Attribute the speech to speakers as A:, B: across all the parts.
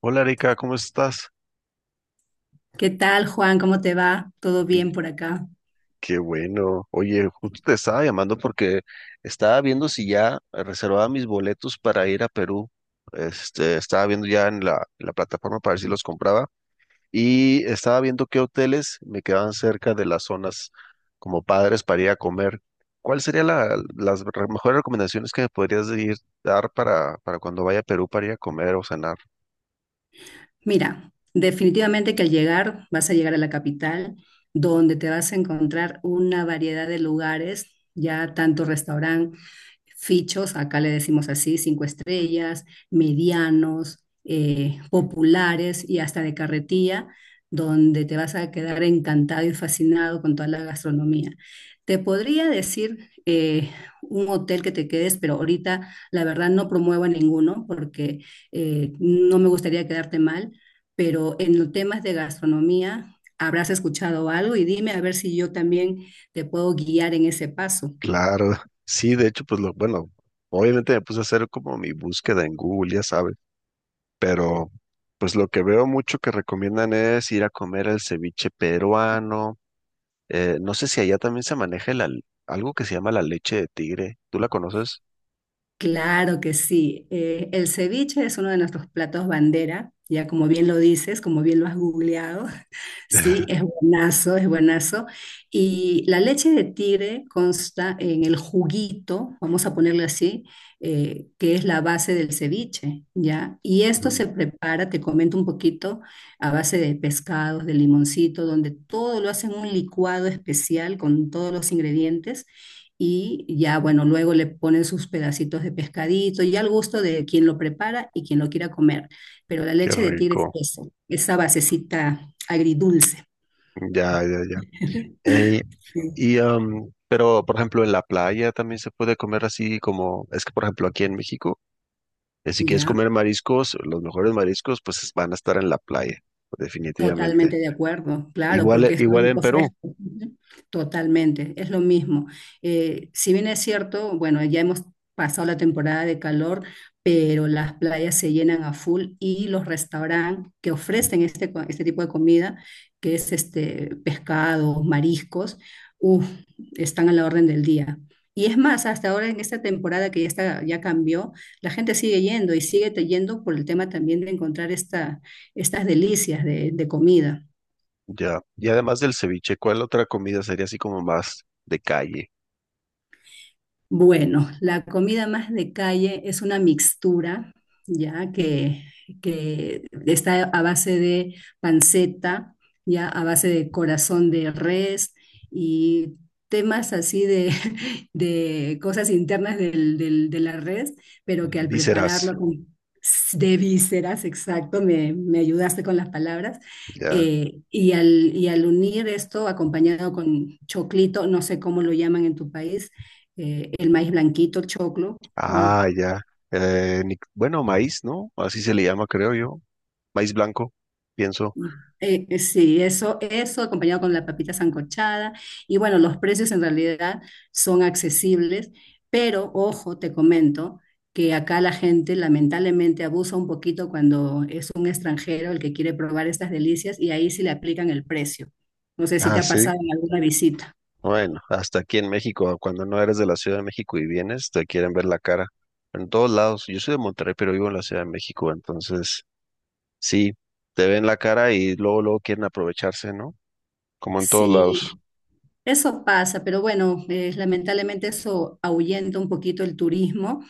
A: Hola Erika, ¿cómo estás?
B: ¿Qué tal, Juan? ¿Cómo te va? ¿Todo
A: Uy,
B: bien por acá?
A: qué bueno. Oye, justo te estaba llamando porque estaba viendo si ya reservaba mis boletos para ir a Perú. Estaba viendo ya en la plataforma para ver si los compraba y estaba viendo qué hoteles me quedaban cerca de las zonas como padres para ir a comer. ¿Cuál sería mejores recomendaciones que me podrías dar para cuando vaya a Perú para ir a comer o cenar?
B: Mira, definitivamente que al llegar vas a llegar a la capital, donde te vas a encontrar una variedad de lugares, ya tanto restaurante fichos, acá le decimos así, cinco estrellas, medianos, populares y hasta de carretilla, donde te vas a quedar encantado y fascinado con toda la gastronomía. Te podría decir un hotel que te quedes, pero ahorita la verdad no promuevo ninguno porque no me gustaría quedarte mal, pero en los temas de gastronomía habrás escuchado algo y dime a ver si yo también te puedo guiar en ese paso.
A: Claro, sí, de hecho, bueno, obviamente me puse a hacer como mi búsqueda en Google, ya sabes, pero pues lo que veo mucho que recomiendan es ir a comer el ceviche peruano. No sé si allá también se maneja algo que se llama la leche de tigre. ¿Tú la conoces?
B: Claro que sí. El ceviche es uno de nuestros platos bandera, ya como bien lo dices, como bien lo has googleado. Sí, es buenazo, es buenazo. Y la leche de tigre consta en el juguito, vamos a ponerle así, que es la base del ceviche, ¿ya? Y esto
A: Ujú.
B: se prepara, te comento un poquito, a base de pescados, de limoncito, donde todo lo hacen un licuado especial con todos los ingredientes y ya, bueno, luego le ponen sus pedacitos de pescadito, ya al gusto de quien lo prepara y quien lo quiera comer. Pero la
A: Qué
B: leche de tigre es
A: rico.
B: eso, esa basecita agridulce.
A: Ya, ya, ya. Ey,
B: Sí.
A: pero, por ejemplo, en la playa también se puede comer así como, es que, por ejemplo, aquí en México. Si quieres
B: ¿Ya?
A: comer mariscos, los mejores mariscos, pues van a estar en la playa, definitivamente.
B: Totalmente de acuerdo, claro,
A: Igual,
B: porque es
A: igual en
B: producto
A: Perú,
B: fresco. Ujú. Totalmente, es lo mismo. Si bien es cierto, bueno, ya hemos pasado la temporada de calor, pero las playas se llenan a full y los restaurantes que ofrecen este tipo de comida, que es este pescado, mariscos, uf, están a la orden del día. Y es más, hasta ahora en esta temporada que ya está, ya cambió, la gente sigue yendo y yendo por el tema también de encontrar estas delicias de comida.
A: ya. Y además del ceviche, ¿cuál otra comida sería así como más de calle?
B: Bueno, la comida más de calle es una mixtura, ya que, que está a base de panceta, ya a base de corazón de res y temas así de, de cosas internas de la res, pero que al
A: Vísceras,
B: prepararlo con- de vísceras, exacto, me ayudaste con las palabras,
A: ya.
B: y al unir esto acompañado con choclito, no sé cómo lo llaman en tu país el maíz blanquito, el choclo. mm,
A: Ah, ya. Bueno, maíz, ¿no? Así se le llama, creo yo. Maíz blanco, pienso.
B: mm, sí, eso, eso acompañado con la papita sancochada. Y bueno, los precios en realidad son accesibles, pero ojo, te comento que acá la gente lamentablemente abusa un poquito cuando es un extranjero el que quiere probar estas delicias y ahí sí le aplican el precio. No sé si
A: Ah,
B: te ha
A: sí.
B: pasado en alguna visita.
A: Bueno, hasta aquí en México, cuando no eres de la Ciudad de México y vienes, te quieren ver la cara. En todos lados. Yo soy de Monterrey, pero vivo en la Ciudad de México, entonces. Sí, te ven la cara y luego, luego quieren aprovecharse, ¿no? Como en todos lados.
B: Sí, eso pasa, pero bueno, lamentablemente eso ahuyenta un poquito el turismo.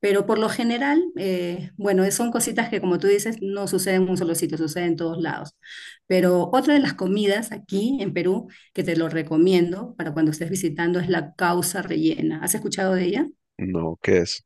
B: Pero por lo general, bueno, son cositas que como tú dices, no suceden en un solo sitio, suceden en todos lados. Pero otra de las comidas aquí en Perú, que te lo recomiendo para cuando estés visitando, es la causa rellena. ¿Has escuchado de ella?
A: No, qué es.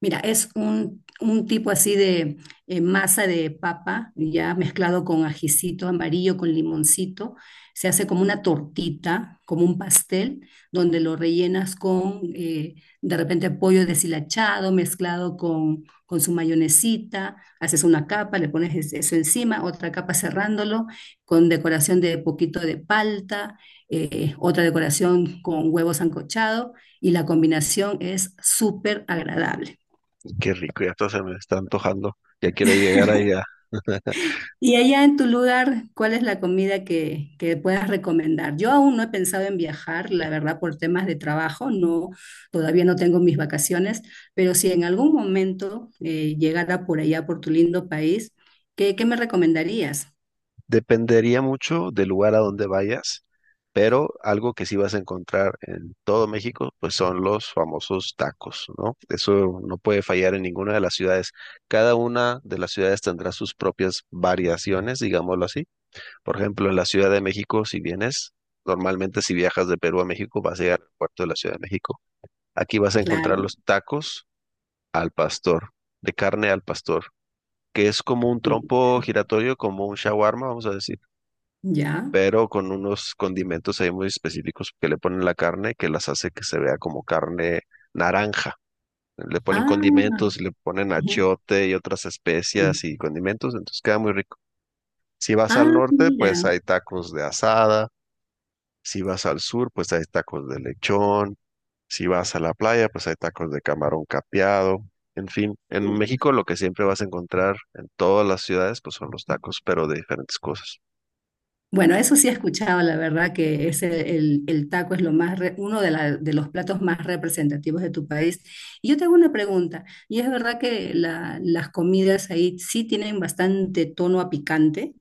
B: Mira, es un tipo así de masa de papa, ya mezclado con ajicito amarillo, con limoncito. Se hace como una tortita, como un pastel, donde lo rellenas con de repente pollo deshilachado, mezclado con su mayonesita. Haces una capa, le pones es- eso encima, otra capa cerrándolo, con decoración de poquito de palta, otra decoración con huevo sancochado, y la combinación es súper agradable.
A: Qué rico, ya hasta se me está antojando. Ya quiero llegar allá.
B: Y allá en tu lugar, ¿cuál es la comida que puedas recomendar? Yo aún no he pensado en viajar, la verdad, por temas de trabajo, no, todavía no tengo mis vacaciones, pero si en algún momento llegara por allá, por tu lindo país, ¿qué, qué me recomendarías?
A: Dependería mucho del lugar a donde vayas, pero algo que sí vas a encontrar en todo México, pues son los famosos tacos, ¿no? Eso no puede fallar en ninguna de las ciudades. Cada una de las ciudades tendrá sus propias variaciones, digámoslo así. Por ejemplo, en la Ciudad de México, si vienes, normalmente si viajas de Perú a México, vas a llegar al puerto de la Ciudad de México. Aquí vas a encontrar
B: Claro,
A: los tacos al pastor, de carne al pastor, que es como un
B: sí,
A: trompo giratorio, como un shawarma, vamos a decir,
B: ya.
A: pero con unos condimentos ahí muy específicos que le ponen a la carne, que las hace que se vea como carne naranja. Le ponen
B: Ah,
A: condimentos, le ponen achiote y otras
B: ujú.
A: especias y condimentos, entonces queda muy rico. Si vas al
B: Ah,
A: norte, pues
B: mira.
A: hay tacos de asada. Si vas al sur, pues hay tacos de lechón. Si vas a la playa, pues hay tacos de camarón capeado. En fin, en México lo que siempre vas a encontrar en todas las ciudades, pues son los tacos, pero de diferentes cosas.
B: Bueno, eso sí he escuchado, la verdad que es el taco es lo más re- uno de, la- de los platos más representativos de tu país. Y yo tengo una pregunta, y es verdad que la- las comidas ahí sí tienen bastante tono a picante.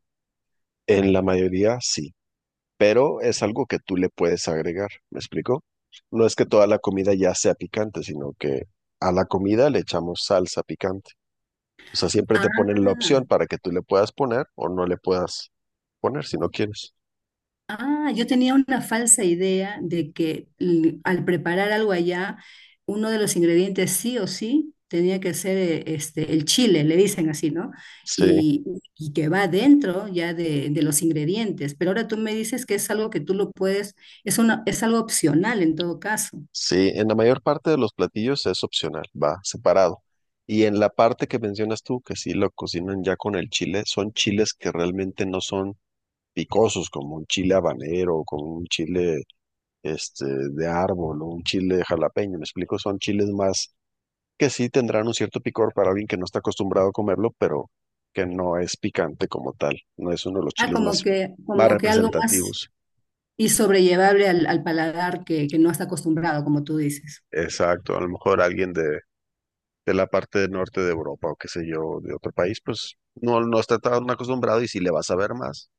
A: En la mayoría sí, pero es algo que tú le puedes agregar, ¿me explico? No es que toda la comida ya sea picante, sino que a la comida le echamos salsa picante. O sea, siempre te ponen la opción
B: Ah,
A: para que tú le puedas poner o no le puedas poner si no quieres.
B: ah, yo tenía una falsa idea de que l- al preparar algo allá, uno de los ingredientes sí o sí tenía que ser este, el chile, le dicen así, ¿no?
A: Sí.
B: Y, y que va dentro ya de los ingredientes. Pero ahora tú me dices que es algo que tú lo puedes, es una, es algo opcional en todo caso.
A: Sí, en la mayor parte de los platillos es opcional, va separado. Y en la parte que mencionas tú, que sí lo cocinan ya con el chile, son chiles que realmente no son picosos, como un chile habanero, o como un chile este, de árbol o un chile jalapeño, me explico, son chiles más que sí tendrán un cierto picor para alguien que no está acostumbrado a comerlo, pero que no es picante como tal, no es uno de los
B: Ah,
A: chiles más, más
B: como que algo más
A: representativos.
B: y sobrellevable al, al paladar que no está acostumbrado, como tú dices.
A: Exacto, a lo mejor alguien de la parte del norte de Europa o qué sé yo, de otro país, pues no, no está tan acostumbrado y si le vas a ver más,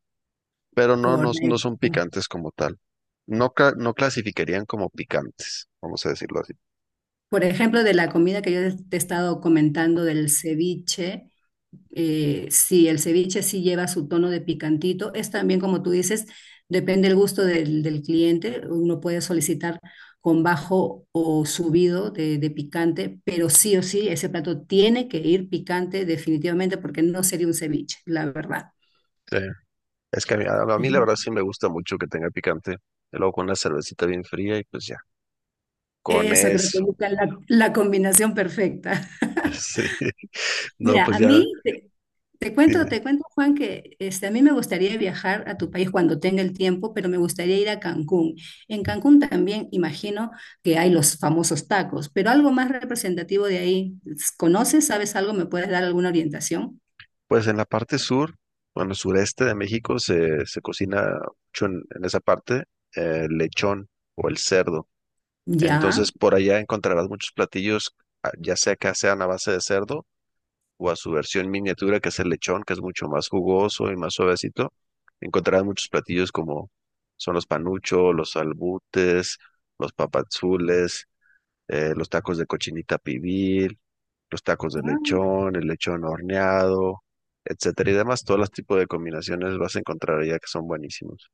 A: pero no, no, no son
B: Correcto.
A: picantes como tal. No, no clasificarían como picantes, vamos a decirlo así.
B: Por ejemplo, de la comida que yo te he estado comentando del ceviche, sí, el ceviche sí lleva su tono de picantito. Es también, como tú dices, depende el gusto del, del cliente. Uno puede solicitar con bajo o subido de picante, pero sí o sí, ese plato tiene que ir picante definitivamente porque no sería un ceviche, la verdad.
A: Sí. Es que a mí la
B: Ujú.
A: verdad sí me gusta mucho que tenga picante. Y luego con una cervecita bien fría y pues ya, con
B: Eso creo que
A: eso.
B: busca la, la combinación perfecta.
A: Sí. No,
B: Mira,
A: pues
B: a
A: ya,
B: mí, te cuento,
A: dime.
B: te cuento, Juan, que este, a mí me gustaría viajar a tu país cuando tenga el tiempo, pero me gustaría ir a Cancún. En Cancún también imagino que hay los famosos tacos, pero algo más representativo de ahí. ¿Conoces? ¿Sabes algo? ¿Me puedes dar alguna orientación?
A: Pues en la parte sur, bueno, sureste de México se cocina mucho en esa parte el lechón o el cerdo.
B: Ya.
A: Entonces, por allá encontrarás muchos platillos, ah, ya sea que sean a base de cerdo o a su versión miniatura, que es el lechón, que es mucho más jugoso y más suavecito. Encontrarás muchos platillos como son los panuchos, los albutes, los papazules, los tacos de cochinita pibil, los tacos de
B: Ah,
A: lechón, el lechón horneado, etcétera y demás. Todos los tipos de combinaciones vas a encontrar allá que son buenísimos.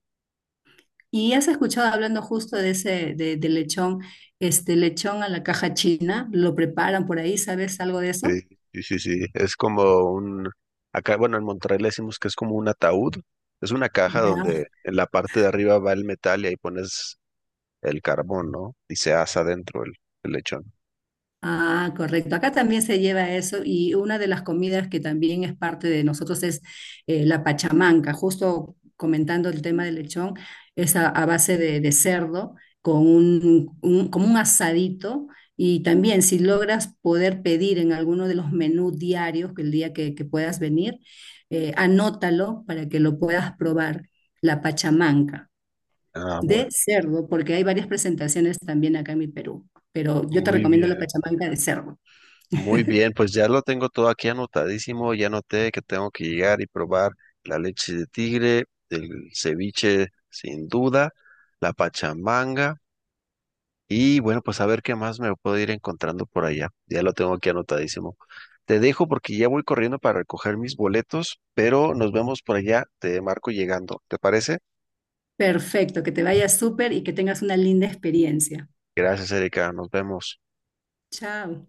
B: ¿y has escuchado hablando justo de ese, de lechón, este lechón a la caja china? ¿Lo preparan por ahí? ¿Sabes algo de
A: Sí,
B: eso?
A: sí, sí. Es como un, acá, bueno, en Monterrey le decimos que es como un ataúd. Es una caja
B: Ya.
A: donde en la parte de arriba va el metal y ahí pones el carbón, ¿no? Y se asa dentro el lechón.
B: Ah, correcto. Acá también se lleva eso y una de las comidas que también es parte de nosotros es la pachamanca. Justo comentando el tema del lechón, es a base de cerdo con un- como un asadito y también si logras poder pedir en alguno de los menús diarios que el día que puedas venir, anótalo para que lo puedas probar, la pachamanca
A: Ah, bueno.
B: de cerdo, porque hay varias presentaciones también acá en mi Perú pero yo te
A: Muy
B: recomiendo la
A: bien.
B: pachamanca de cerdo.
A: Muy bien, pues ya lo tengo todo aquí anotadísimo. Ya noté que tengo que llegar y probar la leche de tigre, el ceviche sin duda, la pachamanga. Y bueno, pues a ver qué más me puedo ir encontrando por allá. Ya lo tengo aquí anotadísimo. Te dejo porque ya voy corriendo para recoger mis boletos, pero nos vemos por allá. Te marco llegando. ¿Te parece?
B: Perfecto, que te vaya súper y que tengas una linda experiencia.
A: Gracias, Erika. Nos vemos.
B: Chao.